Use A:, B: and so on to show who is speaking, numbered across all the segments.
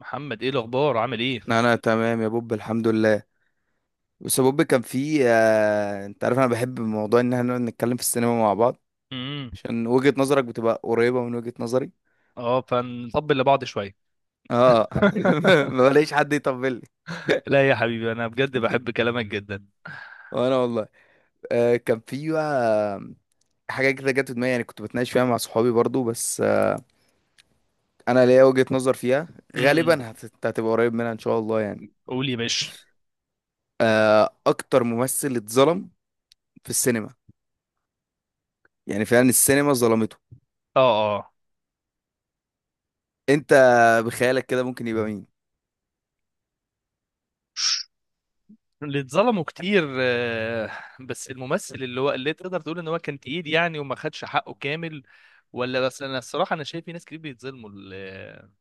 A: محمد، ايه الاخبار عامل ايه؟
B: انا تمام يا بوب، الحمد لله. بس يا بوب كان في انت عارف انا بحب موضوع ان احنا نقعد نتكلم في السينما مع بعض،
A: امم
B: عشان وجهة نظرك بتبقى قريبة من وجهة نظري.
A: اه، فنطبل لبعض شويه.
B: اه. ما بلاقيش حد يطبل لي.
A: لا يا حبيبي، انا بجد بحب كلامك جدا.
B: وانا والله. آه كان في بقى حاجة كده جت في دماغي، يعني كنت بتناقش فيها مع صحابي برضو، بس انا ليا وجهة نظر فيها.
A: امم
B: غالبا هتبقى قريب منها ان شاء الله يعني.
A: قولي مش.
B: آه اكتر ممثل اتظلم في السينما، يعني فعلا السينما ظلمته.
A: اه، اه،
B: انت بخيالك كده ممكن يبقى مين؟
A: اللي اتظلموا كتير، بس الممثل، اللي هو اللي تقدر تقول ان هو كان تقيل يعني، وما خدش حقه كامل. ولا بس انا الصراحه انا شايف في ناس كتير بيتظلموا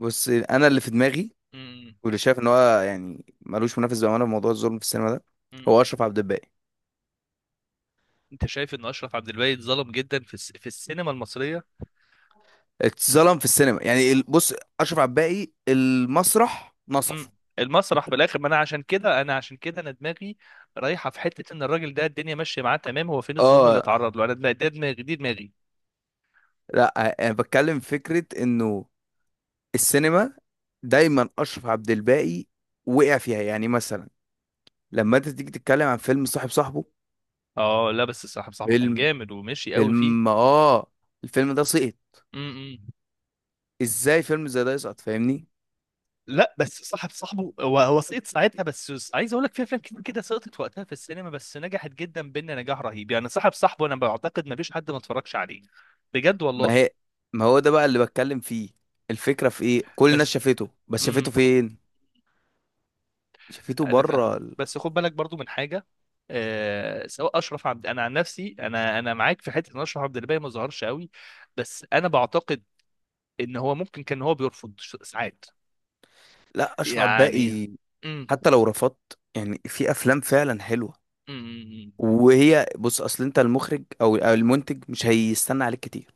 B: بص انا اللي في دماغي
A: امم
B: واللي شايف ان هو يعني ملوش منافس بامانه في موضوع الظلم في السينما ده هو
A: امم
B: اشرف عبد الباقي.
A: انت شايف ان اشرف عبد الباقي اتظلم جدا في في السينما المصريه؟
B: اتظلم في السينما، يعني بص، اشرف عبد الباقي المسرح نصفه.
A: مم. المسرح في الاخر، ما انا عشان كده انا دماغي رايحه في حته ان الراجل ده الدنيا ماشيه معاه تمام، هو فين الظلم اللي
B: اه
A: اتعرض له؟ انا ده دماغي دي دماغي.
B: لا، انا بتكلم فكره انه السينما دايما اشرف عبد الباقي وقع فيها، يعني مثلا لما انت تيجي تتكلم عن فيلم صاحب صاحبه.
A: اه، لا بس صاحب صاحبه كان
B: فيلم
A: جامد ومشي قوي
B: فيلم
A: فيه.
B: اه الفيلم ده سقط.
A: امم
B: ازاي فيلم زي ده يسقط فاهمني؟
A: لا، بس صاحب صاحبه هو سقط ساعتها، بس عايز اقول لك في افلام كتير كده سقطت وقتها في السينما بس نجحت جدا بينا نجاح رهيب، يعني صاحب صاحبه انا بعتقد ما فيش حد ما اتفرجش عليه بجد
B: ما
A: والله.
B: هي ما هو ده بقى اللي بتكلم فيه. الفكرة في ايه؟ كل الناس
A: بس.
B: شافته، بس شافته
A: امم
B: فين؟ شافته
A: انا
B: بره
A: فاهم، بس خد بالك برضو من حاجه. آه سواء اشرف عبد انا عن نفسي، انا معاك في حته ان اشرف عبد الباقي ما ظهرش قوي، بس انا بعتقد ان هو ممكن كان هو بيرفض ساعات
B: لا اشرف
A: يعني.
B: عباقي،
A: مم.
B: حتى لو رفضت يعني في افلام فعلا حلوة.
A: مم.
B: وهي بص، اصل انت المخرج أو المنتج مش هيستنى عليك كتير.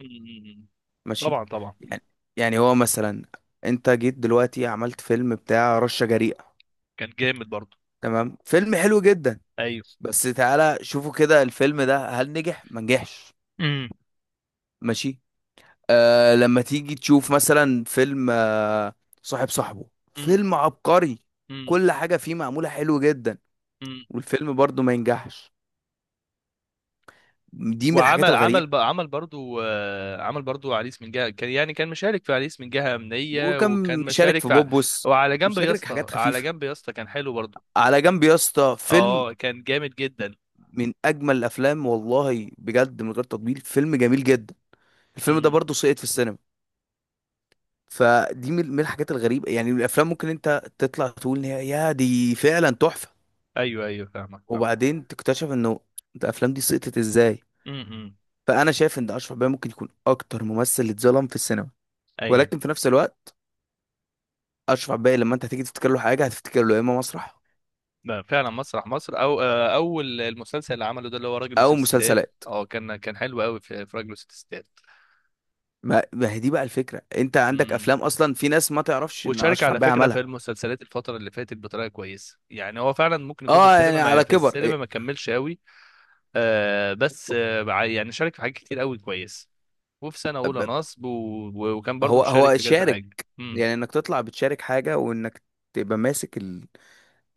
A: مم.
B: ماشي.
A: طبعا طبعا.
B: يعني يعني هو مثلا انت جيت دلوقتي عملت فيلم بتاع رشة جريئة،
A: كان جامد برضو.
B: تمام، فيلم حلو جدا.
A: ايوه.
B: بس تعالى شوفوا كده الفيلم ده هل نجح ما نجحش.
A: مم.
B: ماشي. آه لما تيجي تشوف مثلا فيلم صاحب صاحبه،
A: مم.
B: فيلم عبقري،
A: مم.
B: كل حاجة فيه معمولة حلو جدا،
A: مم.
B: والفيلم برضو ما ينجحش. دي من الحاجات
A: وعمل عمل
B: الغريبة.
A: ب- عمل برضو آه، عمل برضو عريس من جهه، كان يعني كان مشارك في عريس من جهه امنيه، وكان
B: وكان مشارك
A: مشارك
B: في بوبوس،
A: وعلى جنب يا
B: مشارك
A: اسطى
B: حاجات
A: على
B: خفيفة.
A: جنب يا اسطى كان حلو برضو.
B: على جنب يا اسطى فيلم
A: اه، كان جامد جدا.
B: من أجمل الأفلام، والله بجد من غير تطبيل فيلم جميل جدا. الفيلم ده
A: امم
B: برضو سقط في السينما. فدي من الحاجات الغريبة. يعني الأفلام ممكن أنت تطلع تقول إن هي يا دي فعلا تحفة،
A: ايوه، ايوه، فاهمك، فاهمك.
B: وبعدين تكتشف إنه الأفلام دي سقطت إزاي.
A: امم امم.
B: فانا شايف ان اشرف عباية ممكن يكون اكتر ممثل اتظلم في السينما،
A: ايوه.
B: ولكن في نفس الوقت اشرف عباية لما انت هتيجي تفتكر له حاجه هتفتكر له يا اما مسرح
A: لا، فعلا مسرح مصر، او اول المسلسل اللي عمله ده اللي هو راجل
B: او
A: وست ستات.
B: مسلسلات.
A: اه، كان حلو قوي في راجل وست ستات.
B: ما هي دي بقى الفكره، انت عندك
A: امم
B: افلام اصلا في ناس ما تعرفش ان
A: وشارك
B: اشرف
A: على
B: عباية
A: فكره
B: عملها.
A: في المسلسلات الفتره اللي فاتت بطريقه كويسه، يعني هو فعلا ممكن يكون في
B: اه
A: السينما
B: يعني
A: ما
B: على
A: في
B: كبر
A: السينما
B: إيه،
A: ما كملش قوي. بس يعني شارك في حاجات كتير قوي كويس. وفي سنه اولى
B: ب- ب-
A: نصب. و- وكان برضو
B: هو
A: مشارك
B: هو
A: في كذا
B: شارك.
A: حاجه.
B: يعني انك تطلع بتشارك حاجه، وانك تبقى ماسك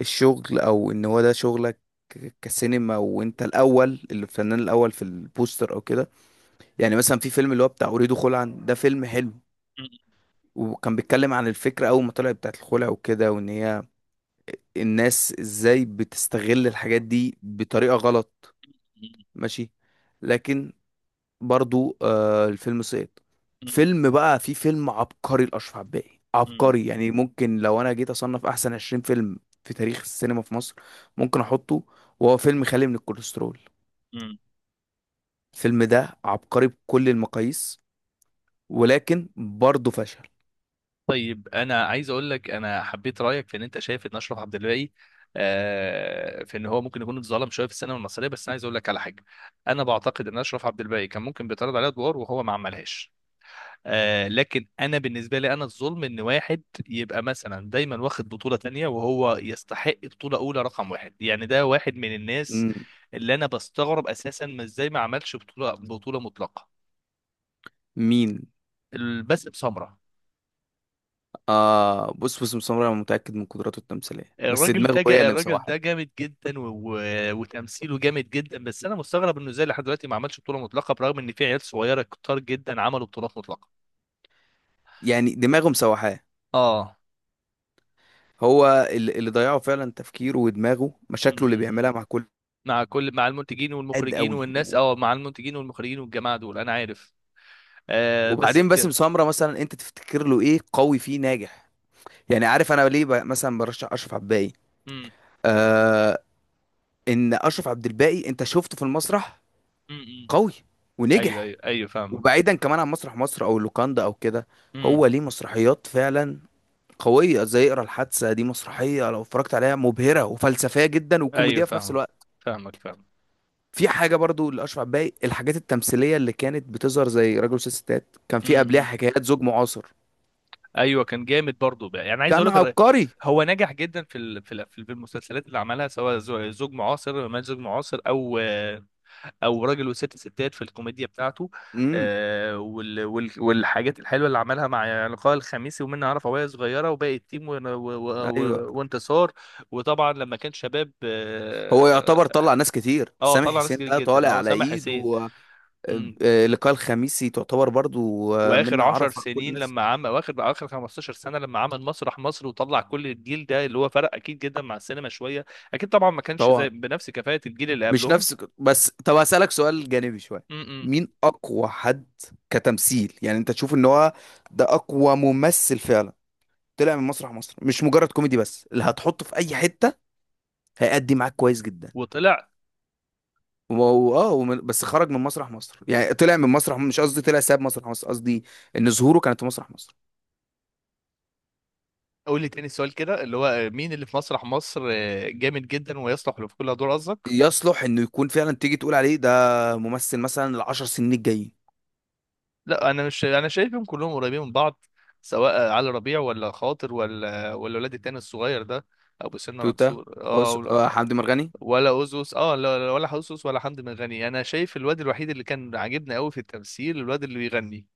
B: الشغل او ان هو ده شغلك، كسينما، وانت الاول الفنان الاول في البوستر او كده. يعني مثلا في فيلم اللي هو بتاع اريد خلعا، ده فيلم حلو وكان بيتكلم عن الفكرة أول ما طلعت بتاعت الخلع وكده، وإن هي الناس إزاي بتستغل الحاجات دي بطريقة غلط.
A: امم
B: ماشي. لكن برضو آه الفيلم سقط. فيلم بقى في فيلم عبقري لأشرف عباقي، عبقري يعني، ممكن لو أنا جيت أصنف أحسن 20 فيلم في تاريخ السينما في مصر ممكن أحطه، وهو فيلم خالي من الكوليسترول. الفيلم ده عبقري بكل المقاييس، ولكن برضه فشل.
A: طيب، انا عايز اقول لك، انا حبيت رايك في ان انت شايف ان اشرف عبد الباقي في ان هو ممكن يكون اتظلم شويه في السينما المصريه، بس انا عايز اقول لك على حاجه. انا بعتقد ان اشرف عبد الباقي كان ممكن بيتعرض عليه ادوار وهو ما عملهاش، لكن انا بالنسبه لي، انا الظلم ان واحد يبقى مثلا دايما واخد بطوله تانية وهو يستحق بطوله اولى رقم واحد. يعني ده واحد من الناس
B: مم.
A: اللي انا بستغرب اساسا ما ازاي ما عملش بطوله مطلقه،
B: مين؟
A: الباسم سمره.
B: آه بص بص سمرة، أنا متأكد من قدراته التمثيلية، بس دماغه هي اللي
A: الراجل
B: مسوحاه.
A: ده جامد جدا و... وتمثيله جامد جدا، بس انا مستغرب انه ازاي لحد دلوقتي ما عملش بطوله مطلقه، برغم ان في عيال صغيره كتار جدا عملوا بطولات مطلقه.
B: يعني دماغه مسوحاه.
A: اه.
B: هو اللي ضيعه فعلا تفكيره ودماغه، مشاكله اللي
A: م-م.
B: بيعملها مع كل،
A: مع المنتجين
B: قد
A: والمخرجين
B: قوي
A: والناس، مع المنتجين والمخرجين والجماعه دول انا عارف. بس
B: وبعدين باسم
A: بجد.
B: سمرة مثلا أنت تفتكر له إيه قوي فيه ناجح؟ يعني عارف أنا ليه مثلا برشح أشرف عبد الباقي؟
A: م-
B: آه، إن أشرف عبد الباقي أنت شفته في المسرح
A: م- م.
B: قوي
A: ايوه،
B: ونجح.
A: ايوه، ايوه، فاهمك.
B: وبعيدا كمان عن مسرح مصر أو اللوكاندا أو كده،
A: م.
B: هو ليه مسرحيات فعلا قوية زي اقرا الحادثة، دي مسرحية لو اتفرجت عليها مبهرة وفلسفية جدا
A: ايوه،
B: وكوميدية في نفس
A: فاهمك،
B: الوقت.
A: فاهمك،
B: في حاجة برضو لأشرف عباي، الحاجات التمثيلية اللي كانت بتظهر زي راجل وست ستات، كان في قبلها
A: فاهمك.
B: حكايات زوج معاصر،
A: ايوه، كان جامد برضه بقى، يعني عايز اقول
B: كان
A: لك
B: عبقري.
A: هو نجح جدا في المسلسلات اللي عملها، سواء زوج معاصر ما زوج معاصر او او راجل وست ستات في الكوميديا بتاعته.
B: امم.
A: والحاجات الحلوه اللي عملها مع لقاء الخميسي، ومنها عرف وهي صغيره، وباقي التيم،
B: ايوه.
A: وانتصار. وطبعا لما كان شباب،
B: هو يعتبر طلع
A: اه.
B: ناس كتير، سامح
A: طلع ناس
B: حسين
A: كتير
B: ده
A: جدا،
B: طالع
A: اه،
B: على
A: سامح
B: ايده
A: حسين.
B: و- لقاء الخميسي تعتبر برضو،
A: واخر
B: منة
A: عشر
B: عرفة، كل
A: سنين
B: الناس.
A: لما عمل واخر اخر 15 سنه لما عمل مسرح مصر، وطلع كل الجيل ده اللي هو فرق اكيد جدا مع السينما شويه. اكيد طبعا ما كانش زي،
B: طبعا
A: بنفس كفاءه الجيل اللي
B: مش
A: قبلهم.
B: نفس. بس طب هسألك سؤال جانبي شوية،
A: م-م.
B: مين أقوى حد كتمثيل، يعني أنت تشوف إن هو ده أقوى ممثل فعلا طلع من مسرح مصر، مش مجرد كوميدي بس، اللي هتحطه في أي حتة هيأدي معاك كويس جدا.
A: وطلع
B: وهو اه بس خرج من مسرح مصر، يعني طلع من مسرح، مش قصدي، طلع ساب مسرح مصر قصدي، إن ظهوره كانت في مسرح مصر.
A: قول لي تاني سؤال كده، اللي هو مين اللي في مسرح مصر جامد جدا ويصلح له في كل دور قصدك.
B: يصلح إنه يكون فعلا تيجي تقول عليه ده ممثل مثلا العشر سنين الجايين.
A: لا، انا مش انا شايفهم كلهم قريبين من بعض، سواء علي ربيع ولا خاطر ولا الولاد التاني الصغير ده، ابو سنه
B: توتا،
A: مكسور، اه.
B: حمدي مرغني.
A: ولا اوزوس، اه، لا، لا، ولا اوزوس ولا حمدي مرغني، انا شايف الواد الوحيد اللي كان عاجبني قوي في التمثيل الواد اللي بيغني.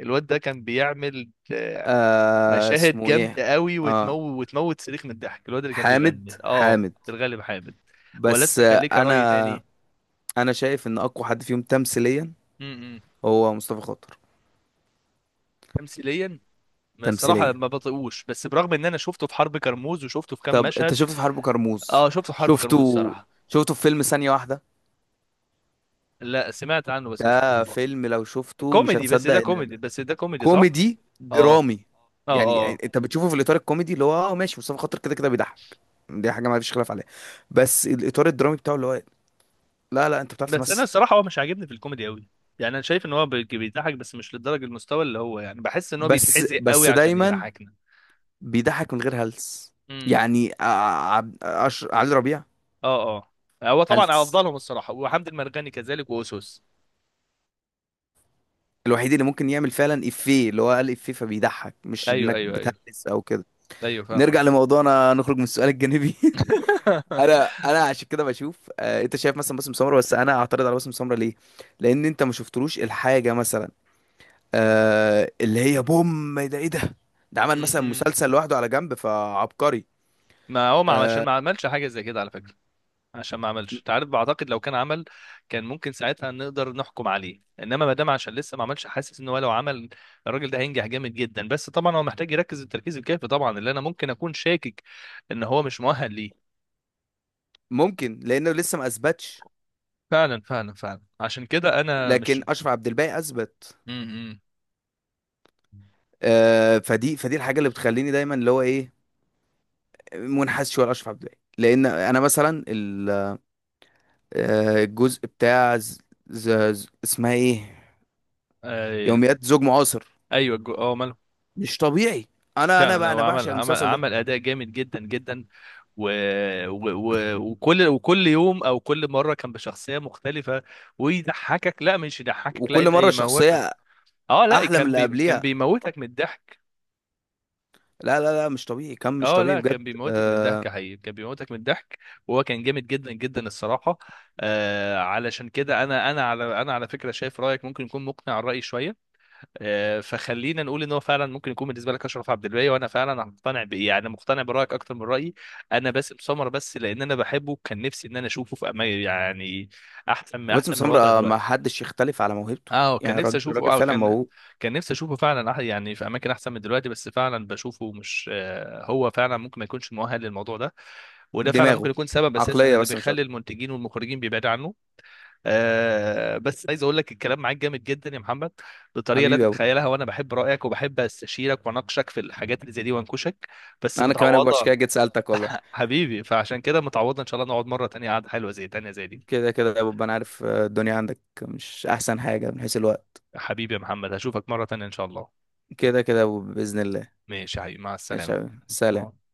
A: الواد ده كان بيعمل
B: آه
A: مشاهد
B: اسمه إيه؟
A: جامده قوي،
B: آه
A: وتموت، صريخ من الضحك. الواد اللي كان
B: حامد.
A: بيغني، اه،
B: حامد.
A: في الغالب حامد. ولا
B: بس
A: انت كان
B: آه،
A: ليك راي
B: انا
A: تاني؟
B: انا شايف ان اقوى حد فيهم تمثيليا
A: امم
B: هو مصطفى خاطر.
A: تمثيليا. ما الصراحه
B: تمثيليا.
A: ما بطيقوش، بس برغم ان انا شفته في حرب كرموز، وشفته في كام
B: طب انت
A: مشهد.
B: شفته في حرب كرموز؟
A: اه، شفته في حرب كرموز
B: شفته.
A: الصراحه.
B: شفته في فيلم ثانية واحدة؟
A: لا، سمعت عنه بس ما
B: ده
A: شفتوش.
B: فيلم لو شفته مش
A: كوميدي بس
B: هتصدق
A: ده
B: ان،
A: كوميدي بس ده كوميدي صح؟
B: كوميدي
A: اه
B: درامي.
A: اه،
B: يعني
A: اه.
B: انت بتشوفه في الاطار الكوميدي اللي هو اه ماشي، مصطفى خاطر كده كده بيضحك، دي حاجة ما فيش خلاف عليها. بس الاطار الدرامي بتاعه اللي هو لا لا انت بتعرف
A: بس انا
B: تمثل.
A: الصراحه هو مش عاجبني في الكوميدي قوي، يعني انا شايف ان هو بيضحك بس مش لدرجه المستوى، اللي هو يعني بحس ان هو
B: بس
A: بيتحزق قوي
B: بس
A: عشان
B: دايما
A: يضحكنا.
B: بيضحك من غير هلس.
A: امم
B: يعني علي ربيع،
A: اه، اه. هو طبعا
B: هلس
A: افضلهم الصراحه، وحمد المرغني كذلك، واسوس.
B: الوحيد اللي ممكن يعمل فعلا افيه اللي هو قال افيه، فبيضحك، مش
A: ايوه،
B: انك
A: ايوه، ايوه،
B: بتهلس او كده.
A: ايوه، فاهمك.
B: نرجع لموضوعنا، نخرج من السؤال الجانبي. انا انا عشان كده بشوف، انت شايف مثلا باسم سمرة، بس انا اعترض على باسم سمرة ليه؟ لان انت ما شفتلوش الحاجه مثلا، اللي هي بوم ده ايه ده، ده عمل مثلا
A: أمم.
B: مسلسل لوحده على جنب، فعبقري.
A: ما هو، ما عشان
B: آه...
A: ما عملش حاجه زي كده على فكره. عشان ما عملش، انت عارف، بعتقد لو كان عمل، كان ممكن ساعتها نقدر نحكم عليه، انما ما دام عشان لسه ما عملش، حاسس ان هو لو عمل، الراجل ده هينجح جامد جدا. بس طبعا هو محتاج يركز التركيز الكافي، طبعا اللي انا ممكن اكون شاكك ان هو مش مؤهل ليه.
B: ممكن لانه لسه ما اثبتش،
A: فعلا فعلا فعلا، عشان كده انا مش.
B: لكن اشرف عبد الباقي اثبت.
A: امم
B: فدي الحاجه اللي بتخليني دايما اللي هو ايه، منحاز شويه لاشرف عبد الباقي. لان انا مثلا الجزء بتاع اسمها ايه،
A: ايوه،
B: يوميات زوج معاصر،
A: ايوه، ماله.
B: مش طبيعي. انا انا
A: فعلا،
B: بقى
A: هو
B: انا
A: عمل
B: بعشق
A: عمل
B: المسلسل ده.
A: عمل اداء جامد جدا جدا. و... وكل يوم او كل مره كان بشخصيه مختلفه، ويضحكك، لا مش يضحكك، لا
B: وكل
A: ده
B: مره
A: يموت.
B: شخصيه
A: اه، لا
B: احلى من
A: كان
B: اللي
A: كان
B: قبليها،
A: بيموتك من الضحك.
B: لا، مش طبيعي كم، مش
A: اه،
B: طبيعي
A: لا،
B: بجد.
A: كان بيموتك من
B: آه،
A: الضحك حقيقي، كان بيموتك من الضحك، وهو كان جامد جدا جدا الصراحه. علشان كده، انا على فكره، شايف رايك ممكن يكون مقنع الراي شويه. فخلينا نقول ان هو فعلا ممكن يكون بالنسبه لك اشرف عبد الباقي، وانا فعلا مقتنع ب... يعني مقتنع برايك اكتر من رايي. انا باسم سمر، بس لان انا بحبه، كان نفسي ان انا اشوفه في يعني احسن،
B: باسم
A: احسن من الوضع
B: سمرة ما
A: دلوقتي.
B: حدش يختلف على موهبته،
A: اه، كان
B: يعني
A: نفسي
B: الراجل
A: اشوفه،
B: الراجل
A: اه،
B: فعلا
A: كان.
B: موهوب.
A: كان نفسي اشوفه فعلا، يعني في اماكن احسن من دلوقتي، بس فعلا بشوفه مش، هو فعلا ممكن ما يكونش مؤهل للموضوع ده، وده فعلا
B: دماغه،
A: ممكن يكون سبب اساسا
B: عقليه
A: اللي
B: بس مش
A: بيخلي
B: اكتر.
A: المنتجين والمخرجين بيبعدوا عنه. بس عايز اقول لك، الكلام معاك جامد جدا يا محمد، بطريقه لا
B: حبيبي يا ابو،
A: تتخيلها، وانا بحب رايك وبحب استشيرك واناقشك في الحاجات اللي زي دي وانكشك. بس
B: انا كمان ابو، عشان
A: متعوضه.
B: كده جيت سالتك والله.
A: حبيبي، فعشان كده متعوضه ان شاء الله، نقعد مره تانية قعده حلوه زي تانية، زي دي.
B: كده كده يا بوب، انا عارف الدنيا عندك مش احسن حاجة من حيث الوقت.
A: حبيبي يا محمد، هشوفك مره تانية ان شاء الله.
B: كده كده يا بوب بإذن الله.
A: ماشي يا حبيبي، مع
B: ان شاء
A: السلامة.
B: الله.
A: باي.
B: سلام.